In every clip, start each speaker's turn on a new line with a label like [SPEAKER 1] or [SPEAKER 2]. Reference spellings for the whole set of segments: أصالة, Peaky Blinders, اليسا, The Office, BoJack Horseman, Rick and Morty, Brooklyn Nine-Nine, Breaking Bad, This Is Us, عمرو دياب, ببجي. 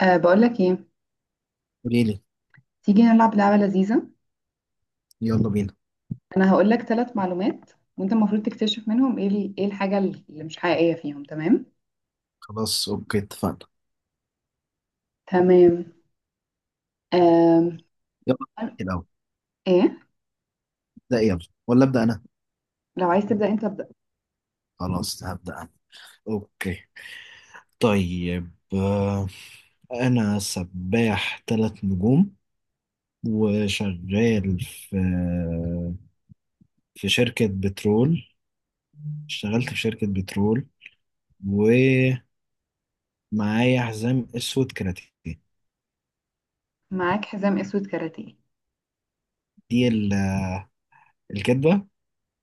[SPEAKER 1] بقولك ايه؟
[SPEAKER 2] قولي لي،
[SPEAKER 1] تيجي نلعب لعبة لذيذة.
[SPEAKER 2] يلا بينا.
[SPEAKER 1] انا هقولك 3 معلومات، وانت المفروض تكتشف منهم ايه الحاجة اللي مش حقيقية فيهم. تمام؟
[SPEAKER 2] خلاص، اوكي، اتفقنا.
[SPEAKER 1] تمام. أم.
[SPEAKER 2] يلا نحكي الاول.
[SPEAKER 1] ايه؟
[SPEAKER 2] ابدا يلا. ولا ابدا انا؟
[SPEAKER 1] لو عايز تبدأ انت ابدأ.
[SPEAKER 2] خلاص، هبدا انا. اوكي، طيب انا سباح ثلاث نجوم وشغال في شركة بترول. اشتغلت في شركة بترول، ومعايا حزام اسود كاراتيه.
[SPEAKER 1] معاك حزام اسود كاراتيه؟
[SPEAKER 2] دي الكدبة.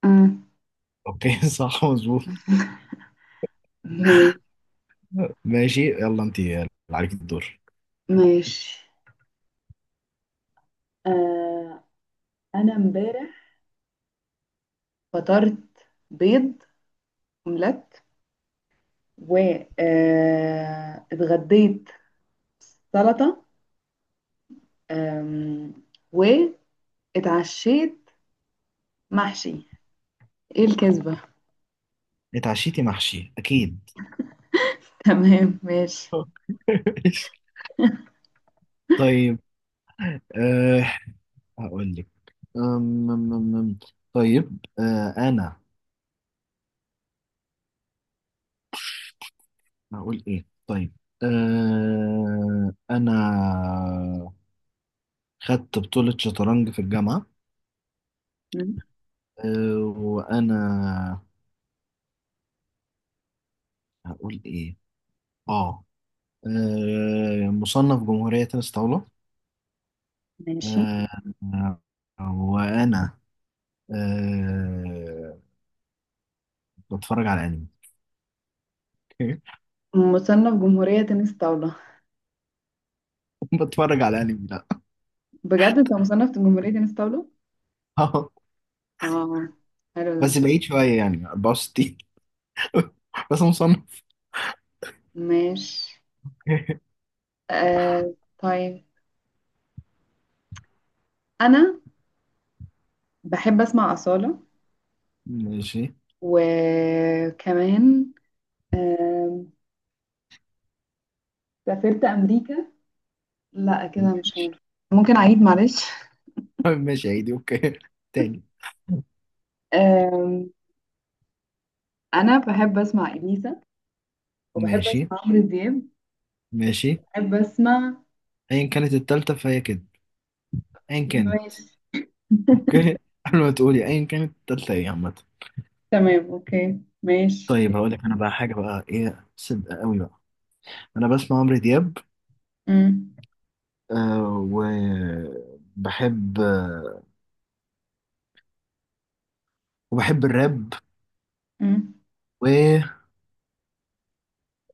[SPEAKER 1] أم.
[SPEAKER 2] اوكي صح مظبوط.
[SPEAKER 1] ماشي
[SPEAKER 2] ماشي، يلا انت اللي عليك الدور.
[SPEAKER 1] ماشي. أه انا امبارح فطرت بيض اومليت، و اتغديت سلطة، أم، واتعشيت محشي. ايه الكذبة؟
[SPEAKER 2] اتعشيتي محشي اكيد.
[SPEAKER 1] تمام ماشي.
[SPEAKER 2] طيب، أه هقول لك. أم أم أم أم. طيب، أنا هقول إيه؟ طيب، أنا خدت بطولة شطرنج في الجامعة.
[SPEAKER 1] مم.
[SPEAKER 2] وأنا هقول إيه؟ آه أه، مصنف جمهورية تنس طاولة.
[SPEAKER 1] ماشي.
[SPEAKER 2] أه آه، وأنا أه بتفرج على أنمي.
[SPEAKER 1] مصنف جمهورية تنس طاولة؟
[SPEAKER 2] بتفرج على أنمي؟ لأ.
[SPEAKER 1] بجد انت مصنف جمهورية تنس طاولة؟ واو، حلو ده.
[SPEAKER 2] بس بعيد شوية، يعني 64. بس مصنف.
[SPEAKER 1] ماشي. طيب، انا بحب اسمع أصالة،
[SPEAKER 2] ماشي
[SPEAKER 1] وكمان، آم، سافرت امريكا. لا كده مش
[SPEAKER 2] ماشي.
[SPEAKER 1] هينفع، ممكن اعيد معلش.
[SPEAKER 2] ماشي، عيدي، اوكي تاني.
[SPEAKER 1] آم، انا بحب اسمع اليسا، وبحب
[SPEAKER 2] ماشي
[SPEAKER 1] اسمع عمرو دياب،
[SPEAKER 2] ماشي.
[SPEAKER 1] بحب اسمع.
[SPEAKER 2] ايا كانت التالتة فهي كده. ايا كانت.
[SPEAKER 1] ماشي
[SPEAKER 2] اوكي قبل ما تقولي ايا كانت التالتة ايه عامة؟
[SPEAKER 1] تمام اوكي ماشي.
[SPEAKER 2] طيب هقول لك انا بقى حاجة بقى، ايه؟ صدق قوي بقى. انا بسمع عمرو دياب.
[SPEAKER 1] مم.
[SPEAKER 2] وبحب، وبحب الراب.
[SPEAKER 1] مم.
[SPEAKER 2] و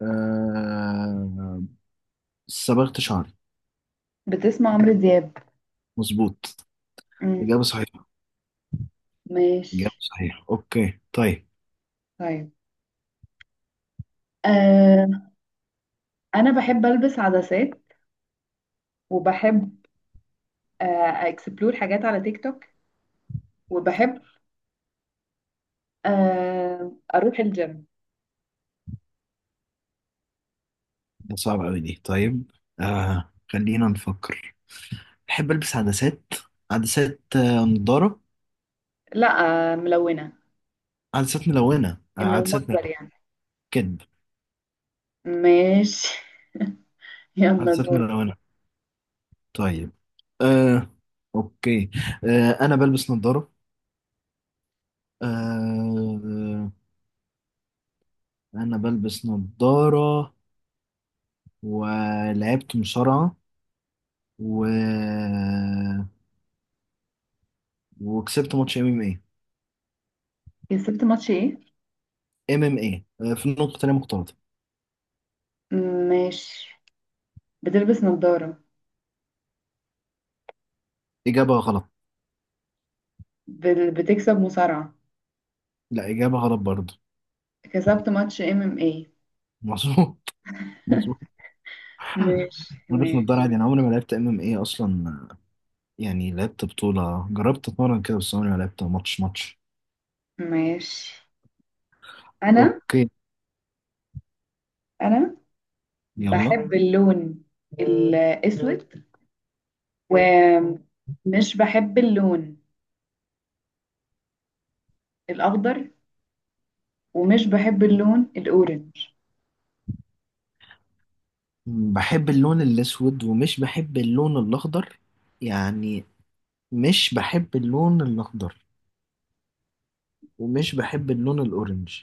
[SPEAKER 2] آه صبغت شعري.
[SPEAKER 1] بتسمع عمرو دياب؟
[SPEAKER 2] مظبوط.
[SPEAKER 1] مم.
[SPEAKER 2] إجابة صحيحة. إجابة
[SPEAKER 1] ماشي.
[SPEAKER 2] صحيحة، أوكي طيب.
[SPEAKER 1] طيب، آه انا بحب البس عدسات، وبحب اكسبلور حاجات على تيك توك، وبحب اروح الجيم.
[SPEAKER 2] ده صعب أوي دي، طيب خلينا نفكر. بحب البس عدسات. عدسات نضاره؟
[SPEAKER 1] لا، ملونة.
[SPEAKER 2] عدسات ملونه
[SPEAKER 1] انه
[SPEAKER 2] عدسات
[SPEAKER 1] مجبر
[SPEAKER 2] ملونه.
[SPEAKER 1] يعني.
[SPEAKER 2] كدب.
[SPEAKER 1] ماشي. يلا
[SPEAKER 2] عدسات
[SPEAKER 1] دور.
[SPEAKER 2] ملونه. طيب آه، اوكي. انا بلبس نضاره. آه، انا بلبس نضاره ولعبت مصارعه، و... وكسبت ماتش ام ام اي.
[SPEAKER 1] كسبت ماتش ايه؟
[SPEAKER 2] ام ام اي في النقطه تانية مختلطه.
[SPEAKER 1] ماشي. بتلبس نظارة.
[SPEAKER 2] اجابه غلط.
[SPEAKER 1] بتكسب مصارعة.
[SPEAKER 2] لا، اجابه غلط برضه.
[SPEAKER 1] كسبت ماتش ام ام ايه.
[SPEAKER 2] مظبوط، مظبوط
[SPEAKER 1] ماشي
[SPEAKER 2] بلبس
[SPEAKER 1] ماشي
[SPEAKER 2] نضاره عادي، انا عمري ما لعبت ام ام اي اصلا. يعني لعبت بطولة، جربت اتمرن كده، بس عمري ما لعبت ماتش.
[SPEAKER 1] ماشي. انا
[SPEAKER 2] اوكي
[SPEAKER 1] انا
[SPEAKER 2] يلا.
[SPEAKER 1] بحب اللون الأسود، ومش بحب اللون الأخضر، ومش بحب اللون الأورنج.
[SPEAKER 2] بحب اللون الاسود ومش بحب اللون الاخضر، يعني مش بحب اللون الاخضر ومش بحب اللون الاورنج.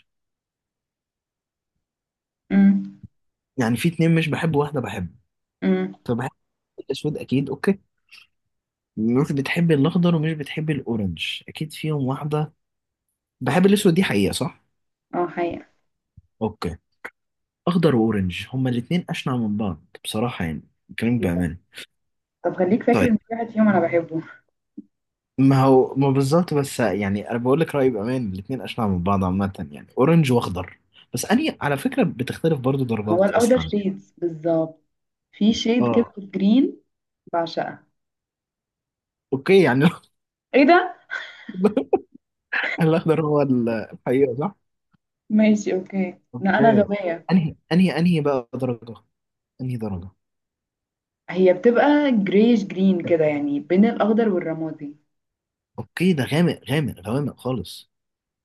[SPEAKER 1] امم.
[SPEAKER 2] يعني في اتنين مش بحب، واحدة بحب.
[SPEAKER 1] امم.
[SPEAKER 2] فبحب الاسود اكيد. اوكي، مش بتحب الاخضر ومش بتحب الاورنج، اكيد فيهم واحدة. بحب الاسود دي حقيقة، صح؟
[SPEAKER 1] اه، حقيقة.
[SPEAKER 2] اوكي. اخضر واورنج هما الاتنين اشنع من بعض بصراحة يعني. كلامك
[SPEAKER 1] إيه ده؟
[SPEAKER 2] بأمانة.
[SPEAKER 1] طب خليك فاكر
[SPEAKER 2] طيب،
[SPEAKER 1] إن في واحد فيهم أنا بحبه.
[SPEAKER 2] ما هو ما بالظبط، بس يعني انا بقول لك رايي بامان. الاثنين اشنع من بعض عامه، يعني اورنج واخضر. بس اني على فكره بتختلف برضو
[SPEAKER 1] هو
[SPEAKER 2] درجات
[SPEAKER 1] الأخضر
[SPEAKER 2] اصلا يعني.
[SPEAKER 1] شيدز بالظبط، في شيد كده
[SPEAKER 2] اه
[SPEAKER 1] جرين بعشقها.
[SPEAKER 2] اوكي يعني.
[SPEAKER 1] ايه ده؟
[SPEAKER 2] الاخضر هو الحقيقه، صح.
[SPEAKER 1] ماشي اوكي، لا انا
[SPEAKER 2] اوكي،
[SPEAKER 1] غبية.
[SPEAKER 2] انهي بقى درجه؟ انهي درجه؟
[SPEAKER 1] هي بتبقى جريش جرين كده، يعني بين الاخضر والرمادي.
[SPEAKER 2] اوكي، ده غامق غامق غوامق خالص.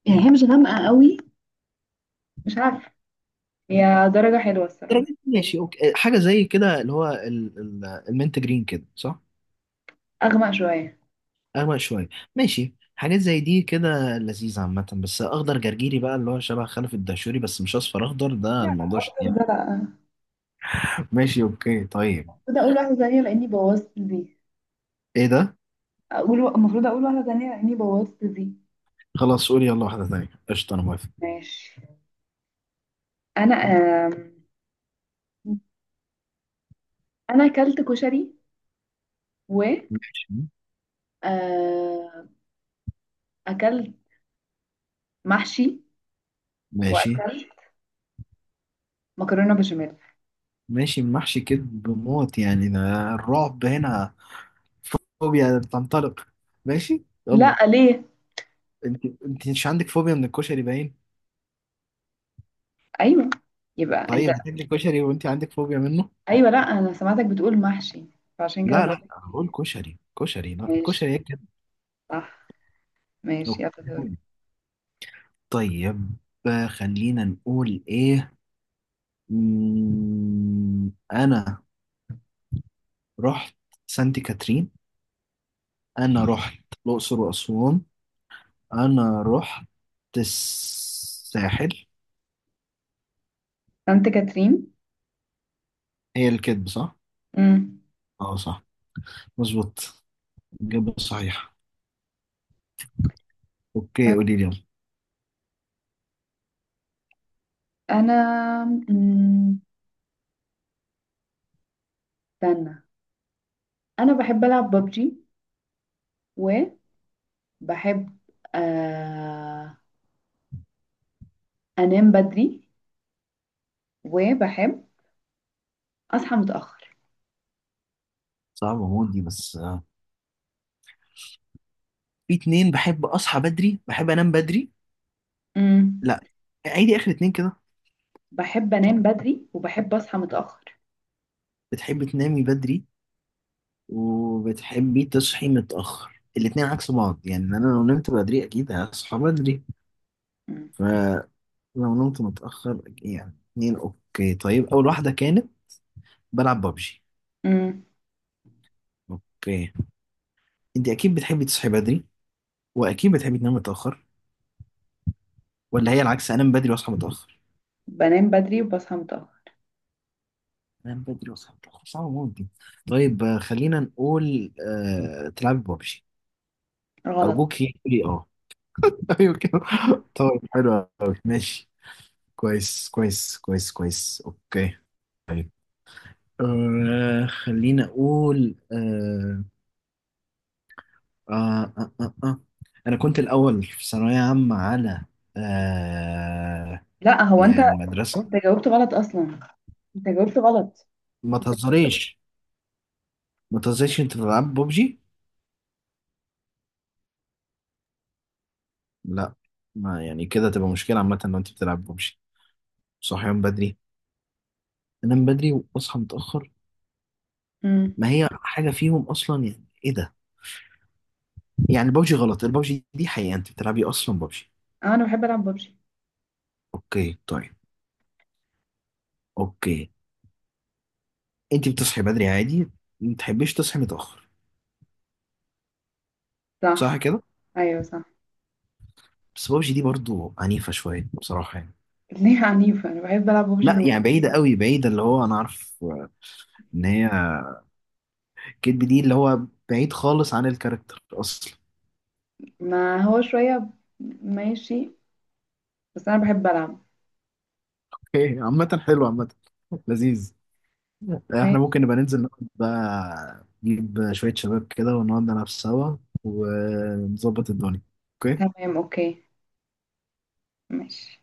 [SPEAKER 1] يعني هي مش غامقة قوي، مش عارفة، هي درجة حلوة الصراحة.
[SPEAKER 2] درجات، ماشي اوكي. حاجه زي كده اللي هو المنت جرين كده، صح؟
[SPEAKER 1] اغمق شوية.
[SPEAKER 2] أغمق شوية. ماشي، حاجات زي دي كده لذيذة عامة. بس أخضر جرجيري بقى، اللي هو شبه خلف الدهشوري، بس مش أصفر أخضر. ده
[SPEAKER 1] لا لا
[SPEAKER 2] الموضوع
[SPEAKER 1] اكتر،
[SPEAKER 2] شديد.
[SPEAKER 1] ده لا المفروض
[SPEAKER 2] ماشي أوكي طيب.
[SPEAKER 1] اقول واحدة ثانية لاني بوظت دي.
[SPEAKER 2] إيه ده؟
[SPEAKER 1] اقول المفروض اقول واحدة ثانية لاني بوظت دي.
[SPEAKER 2] خلاص قولي، يلا واحدة تانية، قشطة، أنا موافق.
[SPEAKER 1] ماشي. انا آم، انا اكلت كشري، و
[SPEAKER 2] ماشي.
[SPEAKER 1] آه، اكلت محشي،
[SPEAKER 2] ماشي.
[SPEAKER 1] واكلت مكرونة بشاميل.
[SPEAKER 2] ماشي محشي، كدب موت يعني ده. الرعب هنا. فوبيا بتنطلق. ماشي
[SPEAKER 1] لا
[SPEAKER 2] يلا.
[SPEAKER 1] ليه؟
[SPEAKER 2] أنت مش عندك فوبيا من الكشري باين؟
[SPEAKER 1] ايوه. يبقى انت.
[SPEAKER 2] طيب هتاكلي كشري وأنت عندك فوبيا منه؟
[SPEAKER 1] ايوه، لا انا سمعتك بتقول محشي، فعشان كده
[SPEAKER 2] لا
[SPEAKER 1] بقول
[SPEAKER 2] لا،
[SPEAKER 1] لك
[SPEAKER 2] هقول
[SPEAKER 1] إيه.
[SPEAKER 2] كشري. كشري، لا
[SPEAKER 1] ماشي،
[SPEAKER 2] كشري.
[SPEAKER 1] صح، ماشي يلا دور.
[SPEAKER 2] هيك. طيب خلينا نقول ايه. انا رحت سانت كاترين. انا رحت الاقصر واسوان. انا رحت الساحل.
[SPEAKER 1] انت كاترين.
[SPEAKER 2] هي الكذب، صح؟
[SPEAKER 1] امم.
[SPEAKER 2] اه صح، مظبوط. الإجابة صحيحة. اوكي، قولي لي يلا.
[SPEAKER 1] انا أمم، استنى، انا بحب العب ببجي، وبحب آه أنام بدري، وبحب أصحى متأخر.
[SPEAKER 2] صعبة موت دي، بس في اتنين. بحب اصحى بدري، بحب انام بدري.
[SPEAKER 1] مم.
[SPEAKER 2] لا، عيدي اخر اتنين كده.
[SPEAKER 1] بحب أنام بدري، وبحب أصحى متأخر.
[SPEAKER 2] بتحب تنامي بدري وبتحبي تصحي متأخر؟ الاتنين عكس بعض يعني. انا لو نمت بدري اكيد هصحى بدري،
[SPEAKER 1] مم.
[SPEAKER 2] فلو نمت متأخر، يعني اتنين. اوكي طيب، اول واحدة كانت بلعب ببجي.
[SPEAKER 1] مم.
[SPEAKER 2] اوكي، انت اكيد بتحبي تصحي بدري، واكيد بتحبي تنامي متأخر؟ ولا هي العكس، انام بدري واصحى متأخر؟
[SPEAKER 1] بنام بدري وبصحى متأخر.
[SPEAKER 2] انام بدري واصحى متأخر، صعب موت دي. طيب خلينا نقول تلعبي ببجي.
[SPEAKER 1] غلط.
[SPEAKER 2] ارجوك، قولي اه. ايوه كده.
[SPEAKER 1] مم.
[SPEAKER 2] طيب حلو أوي. ماشي. كويس كويس كويس كويس، اوكي طيب. خليني اقول. آه آه آه آه. انا كنت الاول في ثانويه عامه على آه
[SPEAKER 1] لا هو أنت
[SPEAKER 2] المدرسه.
[SPEAKER 1] أنت جاوبت غلط أصلا. أنت جاوبت غلط.
[SPEAKER 2] ما تهزريش، ما تهزريش، انت بتلعب ببجي. لا. ما يعني كده تبقى مشكله عامه لو انت بتلعب ببجي، صحيان بدري. انام بدري واصحى متاخر،
[SPEAKER 1] مم.
[SPEAKER 2] ما هي حاجه فيهم اصلا. يعني ايه ده؟ يعني ببجي غلط. الببجي دي حقيقه، انت بتلعبي اصلا ببجي؟
[SPEAKER 1] أنا بحب ألعب ببجي.
[SPEAKER 2] اوكي طيب. اوكي، انت بتصحي بدري عادي، ما تحبيش تصحي متاخر، صح
[SPEAKER 1] صح،
[SPEAKER 2] كده؟
[SPEAKER 1] أيوه صح.
[SPEAKER 2] بس بابجي دي برضو عنيفه شويه بصراحه يعني.
[SPEAKER 1] ليه عنيفة؟ أنا بحب ألعب ببجي
[SPEAKER 2] لا
[SPEAKER 1] موت.
[SPEAKER 2] يعني، بعيده قوي، بعيده اللي هو انا عارف ان هي كدب. دي اللي هو بعيد خالص عن الكاركتر اصلا.
[SPEAKER 1] ما هو شوية. ماشي، بس أنا بحب ألعب.
[SPEAKER 2] اوكي عامه حلو، عامه لذيذ. احنا
[SPEAKER 1] ماشي
[SPEAKER 2] ممكن نبقى ننزل نقعد بقى، نجيب شويه شباب كده ونقعد نلعب سوا، ونظبط الدنيا. اوكي.
[SPEAKER 1] تمام أوكي ماشي.